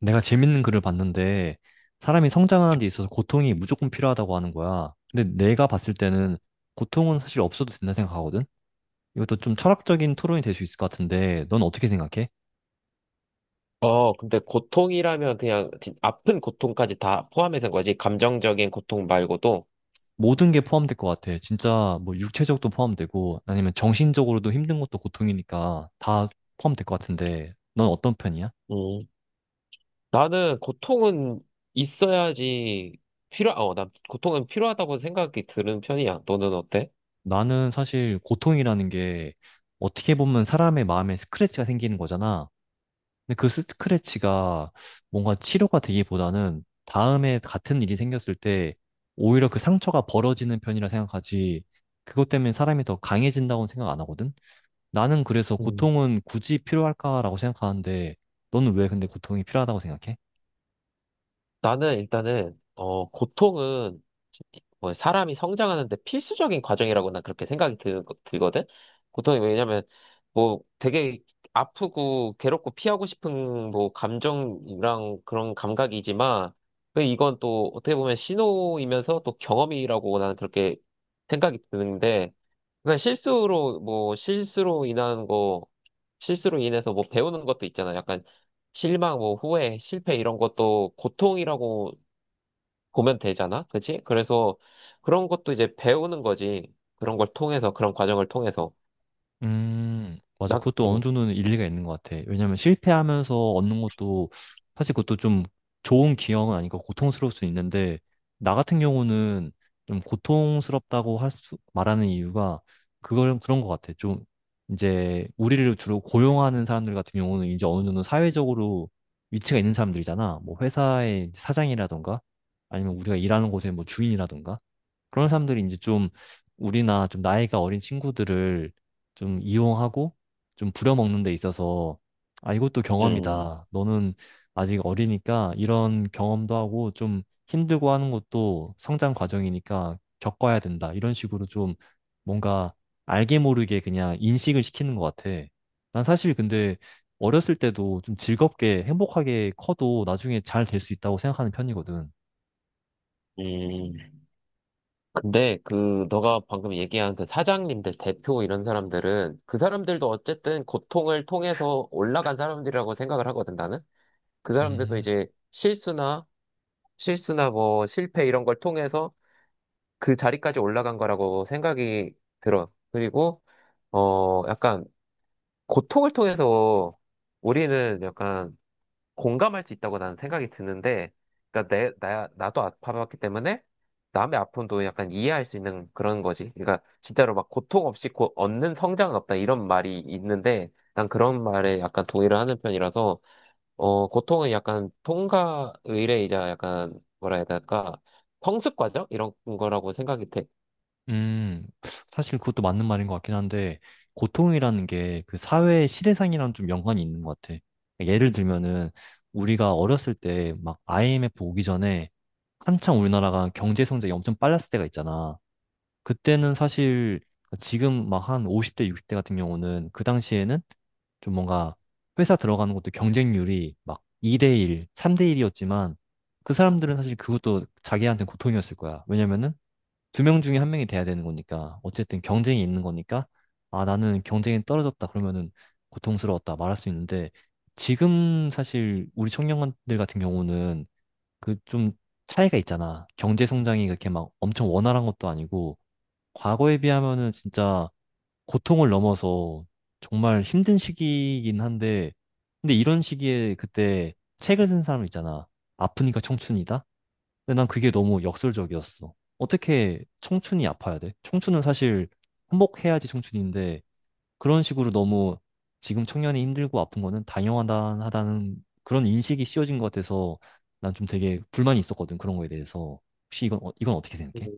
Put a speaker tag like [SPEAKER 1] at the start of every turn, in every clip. [SPEAKER 1] 내가 재밌는 글을 봤는데 사람이 성장하는 데 있어서 고통이 무조건 필요하다고 하는 거야. 근데 내가 봤을 때는 고통은 사실 없어도 된다 생각하거든? 이것도 좀 철학적인 토론이 될 수 있을 것 같은데 넌 어떻게 생각해?
[SPEAKER 2] 근데 고통이라면 그냥 아픈 고통까지 다 포함해서인 거지. 감정적인 고통 말고도.
[SPEAKER 1] 모든 게 포함될 것 같아. 진짜 뭐 육체적도 포함되고 아니면 정신적으로도 힘든 것도 고통이니까 다 포함될 것 같은데 넌 어떤 편이야?
[SPEAKER 2] 음. 나는 고통은 있어야지 난 고통은 필요하다고 생각이 드는 편이야. 너는 어때?
[SPEAKER 1] 나는 사실 고통이라는 게 어떻게 보면 사람의 마음에 스크래치가 생기는 거잖아. 근데 그 스크래치가 뭔가 치료가 되기보다는 다음에 같은 일이 생겼을 때 오히려 그 상처가 벌어지는 편이라 생각하지. 그것 때문에 사람이 더 강해진다고는 생각 안 하거든? 나는 그래서 고통은 굳이 필요할까라고 생각하는데 너는 왜 근데 고통이 필요하다고 생각해?
[SPEAKER 2] 나는 일단은, 고통은 뭐 사람이 성장하는데 필수적인 과정이라고 난 그렇게 들거든? 고통이 왜냐면, 뭐 되게 아프고 괴롭고 피하고 싶은 뭐 감정이랑 그런 감각이지만, 그 이건 또 어떻게 보면 신호이면서 또 경험이라고 나는 그렇게 생각이 드는데, 그러니까 실수로 뭐 실수로 인한 거 실수로 인해서 뭐 배우는 것도 있잖아. 약간 실망, 뭐 후회, 실패 이런 것도 고통이라고 보면 되잖아. 그치? 그래서 그런 것도 이제 배우는 거지. 그런 과정을 통해서
[SPEAKER 1] 맞아.
[SPEAKER 2] 나
[SPEAKER 1] 그것도 어느 정도는 일리가 있는 것 같아. 왜냐면 실패하면서 얻는 것도 사실 그것도 좀 좋은 기억은 아니고 고통스러울 수 있는데, 나 같은 경우는 좀 고통스럽다고 할 수, 말하는 이유가 그걸 그런 것 같아. 좀 이제 우리를 주로 고용하는 사람들 같은 경우는 이제 어느 정도 사회적으로 위치가 있는 사람들이잖아. 뭐 회사의 사장이라던가 아니면 우리가 일하는 곳의 뭐 주인이라던가, 그런 사람들이 이제 좀 우리나 좀 나이가 어린 친구들을 좀 이용하고 좀 부려먹는 데 있어서 아, 이것도
[SPEAKER 2] 음,
[SPEAKER 1] 경험이다. 너는 아직 어리니까 이런 경험도 하고 좀 힘들고 하는 것도 성장 과정이니까 겪어야 된다. 이런 식으로 좀 뭔가 알게 모르게 그냥 인식을 시키는 것 같아. 난 사실 근데 어렸을 때도 좀 즐겁게 행복하게 커도 나중에 잘 될 수 있다고 생각하는 편이거든.
[SPEAKER 2] 음. 근데 그 너가 방금 얘기한 그 사장님들, 대표 이런 사람들은 그 사람들도 어쨌든 고통을 통해서 올라간 사람들이라고 생각을 하거든 나는. 그 사람들도
[SPEAKER 1] 음.
[SPEAKER 2] 이제 실수나 뭐 실패 이런 걸 통해서 그 자리까지 올라간 거라고 생각이 들어. 그리고 약간 고통을 통해서 우리는 약간 공감할 수 있다고 나는 생각이 드는데, 그러니까 나도 아파봤기 때문에 남의 아픔도 약간 이해할 수 있는 그런 거지. 그러니까 진짜로 막 고통 없이 얻는 성장은 없다 이런 말이 있는데, 난 그런 말에 약간 동의를 하는 편이라서 고통은 약간 통과 의례이자 약간 뭐라 해야 될까? 성숙 과정? 이런 거라고 생각이 돼.
[SPEAKER 1] 음, 사실 그것도 맞는 말인 것 같긴 한데, 고통이라는 게 그 사회의 시대상이랑 좀 연관이 있는 것 같아. 그러니까 예를 들면은, 우리가 어렸을 때 막 IMF 오기 전에 한창 우리나라가 경제 성장이 엄청 빨랐을 때가 있잖아. 그때는 사실 지금 막 한 50대, 60대 같은 경우는 그 당시에는 좀 뭔가 회사 들어가는 것도 경쟁률이 막 2대1, 3대1이었지만 그 사람들은 사실 그것도 자기한테 고통이었을 거야. 왜냐면은 두 명 중에 한 명이 돼야 되는 거니까 어쨌든 경쟁이 있는 거니까, 아, 나는 경쟁이 떨어졌다 그러면은 고통스러웠다 말할 수 있는데, 지금 사실 우리 청년들 같은 경우는 그 좀 차이가 있잖아. 경제 성장이 그렇게 막 엄청 원활한 것도 아니고 과거에 비하면은 진짜 고통을 넘어서 정말 힘든 시기이긴 한데, 근데 이런 시기에 그때 책을 쓴 사람 있잖아. 아프니까 청춘이다. 근데 난 그게 너무 역설적이었어. 어떻게 청춘이 아파야 돼? 청춘은 사실 행복해야지 청춘인데, 그런 식으로 너무 지금 청년이 힘들고 아픈 거는 당연하다는 그런 인식이 씌워진 것 같아서 난 좀 되게 불만이 있었거든. 그런 거에 대해서. 혹시 이건 어떻게
[SPEAKER 2] 음,
[SPEAKER 1] 생각해?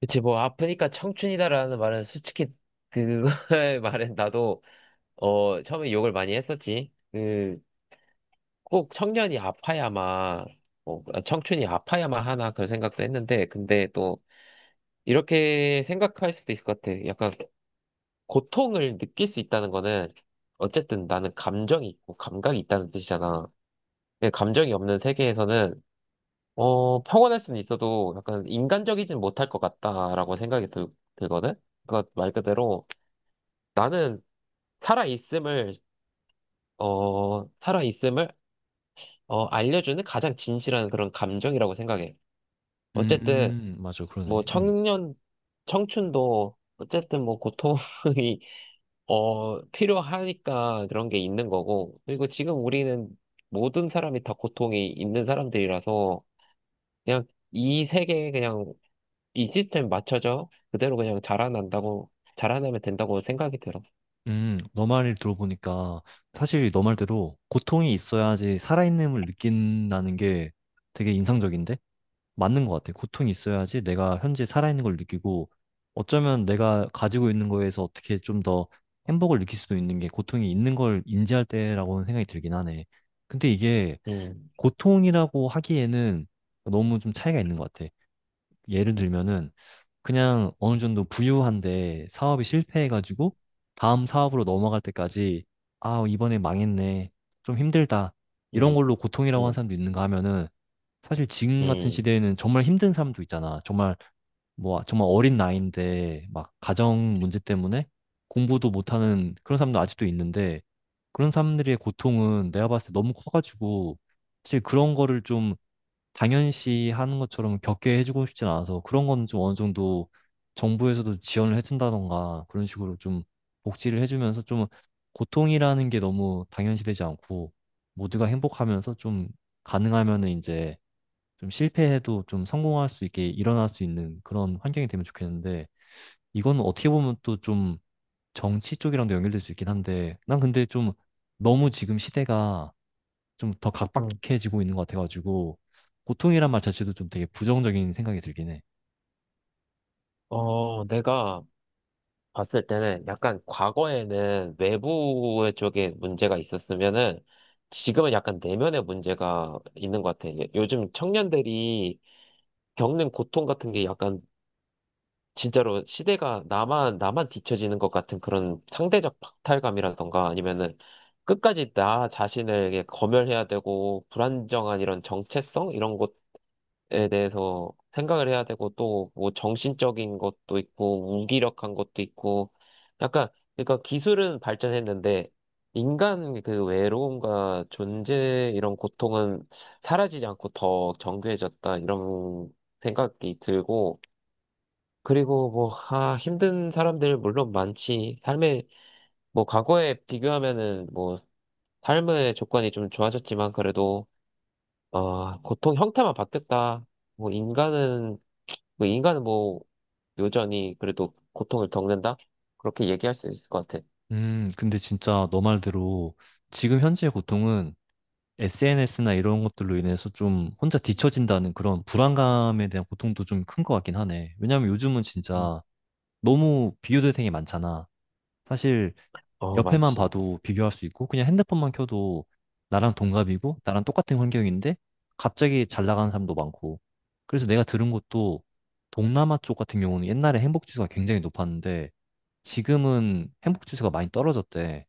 [SPEAKER 2] 그치, 뭐, 아프니까 청춘이다라는 말은 솔직히, 그거의 말은 나도, 처음에 욕을 많이 했었지. 그, 꼭 청년이 아파야만, 뭐, 청춘이 아파야만 하나 그런 생각도 했는데, 근데 또, 이렇게 생각할 수도 있을 것 같아. 약간, 고통을 느낄 수 있다는 거는, 어쨌든 나는 감정이 있고, 감각이 있다는 뜻이잖아. 예, 감정이 없는 세계에서는 평온할 수는 있어도 약간 인간적이진 못할 것 같다라고 들거든. 그러니까 말 그대로 나는 살아 있음을 살아 있음을 알려주는 가장 진실한 그런 감정이라고 생각해. 어쨌든
[SPEAKER 1] 맞아,
[SPEAKER 2] 뭐
[SPEAKER 1] 그러네.
[SPEAKER 2] 청년 청춘도 어쨌든 뭐 고통이 필요하니까 그런 게 있는 거고 그리고 지금 우리는 모든 사람이 다 고통이 있는 사람들이라서 그냥 이 세계에 그냥 이 시스템 맞춰져 그대로 그냥 자라난다고 자라나면 된다고 생각이 들어.
[SPEAKER 1] 너 말을 들어보니까 사실 너 말대로 고통이 있어야지 살아있음을 느낀다는 게 되게 인상적인데? 맞는 것 같아. 고통이 있어야지 내가 현재 살아있는 걸 느끼고 어쩌면 내가 가지고 있는 거에서 어떻게 좀 더 행복을 느낄 수도 있는 게 고통이 있는 걸 인지할 때라고는 생각이 들긴 하네. 근데 이게
[SPEAKER 2] 음,
[SPEAKER 1] 고통이라고 하기에는 너무 좀 차이가 있는 것 같아. 예를 들면은, 그냥 어느 정도 부유한데 사업이 실패해가지고 다음 사업으로 넘어갈 때까지 아, 이번에 망했네. 좀 힘들다. 이런
[SPEAKER 2] 음,
[SPEAKER 1] 걸로 고통이라고 하는
[SPEAKER 2] 음,
[SPEAKER 1] 사람도 있는가 하면은, 사실 지금 같은
[SPEAKER 2] 음,
[SPEAKER 1] 시대에는 정말 힘든 사람도 있잖아. 정말 뭐 정말 어린 나이인데 막 가정 문제 때문에 공부도 못하는 그런 사람도 아직도 있는데, 그런 사람들의 고통은 내가 봤을 때 너무 커가지고 사실 그런 거를 좀 당연시 하는 것처럼 겪게 해주고 싶진 않아서, 그런 건 좀 어느 정도 정부에서도 지원을 해준다던가 그런 식으로 좀 복지를 해주면서, 좀 고통이라는 게 너무 당연시 되지 않고 모두가 행복하면서 좀 가능하면은 이제 좀 실패해도 좀 성공할 수 있게 일어날 수 있는 그런 환경이 되면 좋겠는데. 이거는 어떻게 보면 또 좀 정치 쪽이랑도 연결될 수 있긴 한데, 난 근데 좀 너무 지금 시대가 좀 더
[SPEAKER 2] 음.
[SPEAKER 1] 각박해지고 있는 것 같아가지고 고통이란 말 자체도 좀 되게 부정적인 생각이 들긴 해.
[SPEAKER 2] 어, 내가 봤을 때는 약간 과거에는 외부의 쪽에 문제가 있었으면은 지금은 약간 내면의 문제가 있는 것 같아. 요즘 청년들이 겪는 고통 같은 게 약간 진짜로 나만 뒤처지는 것 같은 그런 상대적 박탈감이라던가 아니면은 끝까지 나 자신을게 검열해야 되고 불안정한 이런 정체성? 이런 것에 대해서 생각을 해야 되고 또 뭐 정신적인 것도 있고 무기력한 것도 있고 약간 그러니까 기술은 발전했는데 인간 그 외로움과 존재 이런 고통은 사라지지 않고 더 정교해졌다 이런 생각이 들고 그리고 뭐, 아, 힘든 사람들 물론 많지. 삶에, 뭐, 과거에 비교하면은 뭐, 삶의 조건이 좀 좋아졌지만 그래도, 고통 형태만 바뀌었다. 뭐, 인간은, 뭐, 인간은 뭐, 여전히 그래도 고통을 겪는다? 그렇게 얘기할 수 있을 것 같아.
[SPEAKER 1] 근데 진짜 너 말대로 지금 현재의 고통은 SNS나 이런 것들로 인해서 좀 혼자 뒤처진다는 그런 불안감에 대한 고통도 좀 큰 것 같긴 하네. 왜냐면 요즘은
[SPEAKER 2] 음.
[SPEAKER 1] 진짜 너무 비교 대상이 많잖아. 사실
[SPEAKER 2] 어,
[SPEAKER 1] 옆에만
[SPEAKER 2] 많지.
[SPEAKER 1] 봐도 비교할 수 있고 그냥 핸드폰만 켜도 나랑 동갑이고 나랑 똑같은 환경인데 갑자기 잘 나가는 사람도 많고, 그래서 내가 들은 것도 동남아 쪽 같은 경우는 옛날에 행복 지수가 굉장히 높았는데 지금은 행복 지수가 많이 떨어졌대.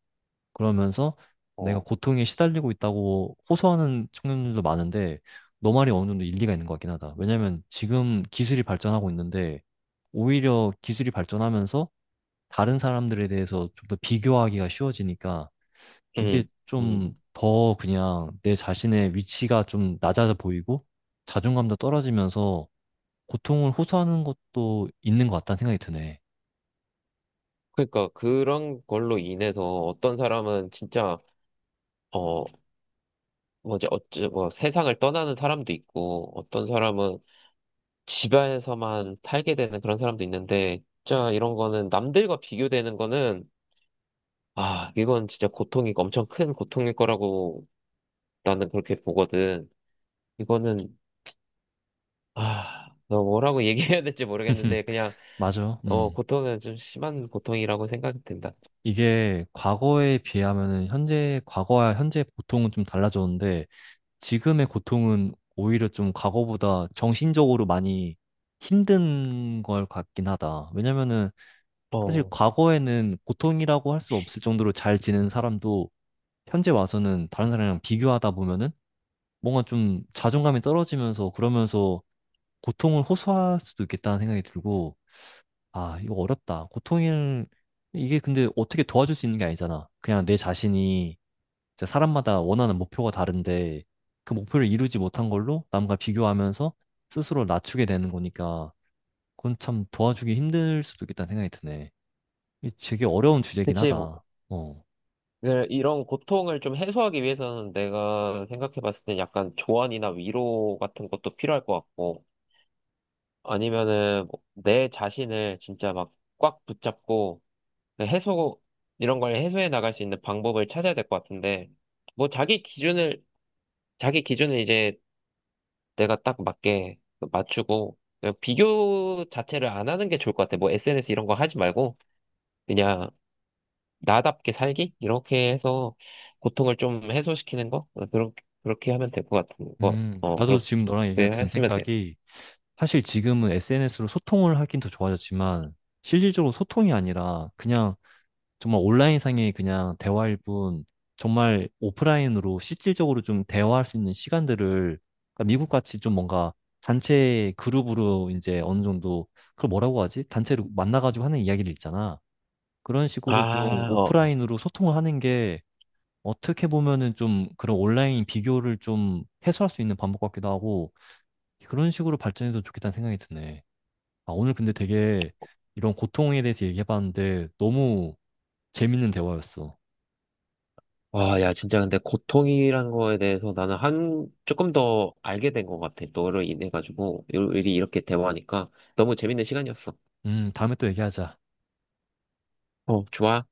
[SPEAKER 1] 그러면서 내가
[SPEAKER 2] 어,
[SPEAKER 1] 고통에 시달리고 있다고 호소하는 청년들도 많은데, 너 말이 어느 정도 일리가 있는 것 같긴 하다. 왜냐면 지금 기술이 발전하고 있는데 오히려 기술이 발전하면서 다른 사람들에 대해서 좀 더 비교하기가 쉬워지니까 이게
[SPEAKER 2] 음,
[SPEAKER 1] 좀
[SPEAKER 2] 음.
[SPEAKER 1] 더 그냥 내 자신의 위치가 좀 낮아져 보이고 자존감도 떨어지면서 고통을 호소하는 것도 있는 것 같다는 생각이 드네.
[SPEAKER 2] 그러니까 그런 걸로 인해서 어떤 사람은 진짜 어 뭐지 어째 뭐 세상을 떠나는 사람도 있고 어떤 사람은 집안에서만 살게 되는 그런 사람도 있는데, 진짜 이런 거는 남들과 비교되는 거는, 아, 이건 진짜 고통이 엄청 큰 고통일 거라고 나는 그렇게 보거든. 이거는, 아, 너 뭐라고 얘기해야 될지 모르겠는데, 그냥,
[SPEAKER 1] 맞아.
[SPEAKER 2] 어,
[SPEAKER 1] 음.
[SPEAKER 2] 고통은 좀 심한 고통이라고 생각이 든다.
[SPEAKER 1] 이게 과거에 비하면은 현재, 과거와 현재 고통은 좀 달라졌는데 지금의 고통은 오히려 좀 과거보다 정신적으로 많이 힘든 걸 같긴 하다. 왜냐면은 사실
[SPEAKER 2] 어,
[SPEAKER 1] 과거에는 고통이라고 할 수 없을 정도로 잘 지낸 사람도 현재 와서는 다른 사람이랑 비교하다 보면은 뭔가 좀 자존감이 떨어지면서 그러면서 고통을 호소할 수도 있겠다는 생각이 들고, 아, 이거 어렵다. 고통을 이게 근데 어떻게 도와줄 수 있는 게 아니잖아. 그냥 내 자신이 진짜 사람마다 원하는 목표가 다른데 그 목표를 이루지 못한 걸로 남과 비교하면서 스스로 낮추게 되는 거니까 그건 참 도와주기 힘들 수도 있겠다는 생각이 드네. 이 되게 어려운 주제긴
[SPEAKER 2] 그치. 뭐,
[SPEAKER 1] 하다. 어.
[SPEAKER 2] 그 이런 고통을 좀 해소하기 위해서는 내가 생각해 봤을 때 약간 조언이나 위로 같은 것도 필요할 것 같고, 아니면은 뭐내 자신을 진짜 막 꽉 붙잡고, 그 해소, 이런 걸 해소해 나갈 수 있는 방법을 찾아야 될 것 같은데, 뭐 자기 기준을, 자기 기준을 이제 내가 딱 맞게 맞추고, 그냥 비교 자체를 안 하는 게 좋을 것 같아. 뭐 SNS 이런 거 하지 말고, 그냥 나답게 살기? 이렇게 해서 고통을 좀 해소시키는 거? 그렇게 하면 될 것 같은 거. 어,
[SPEAKER 1] 나도
[SPEAKER 2] 그렇게
[SPEAKER 1] 지금 너랑 얘기 같은
[SPEAKER 2] 했으면 돼.
[SPEAKER 1] 생각이 사실 지금은 SNS로 소통을 하긴 더 좋아졌지만 실질적으로 소통이 아니라 그냥 정말 온라인상의 그냥 대화일 뿐, 정말 오프라인으로 실질적으로 좀 대화할 수 있는 시간들을, 그러니까 미국 같이 좀 뭔가 단체 그룹으로 이제 어느 정도, 그걸 뭐라고 하지? 단체로 만나가지고 하는 이야기를 있잖아. 그런 식으로 좀
[SPEAKER 2] 아, 어. 어.
[SPEAKER 1] 오프라인으로 소통을 하는 게 어떻게 보면은 좀 그런 온라인 비교를 좀 해소할 수 있는 방법 같기도 하고, 그런 식으로 발전해도 좋겠다는 생각이 드네. 아, 오늘 근데 되게 이런 고통에 대해서 얘기해봤는데 너무 재밌는 대화였어.
[SPEAKER 2] 와, 야, 진짜 근데 고통이란 거에 대해서 나는 조금 더 알게 된 것 같아. 너로 인해가지고, 일이 이렇게 대화하니까 너무 재밌는 시간이었어.
[SPEAKER 1] 다음에 또 얘기하자.
[SPEAKER 2] 어, 좋아.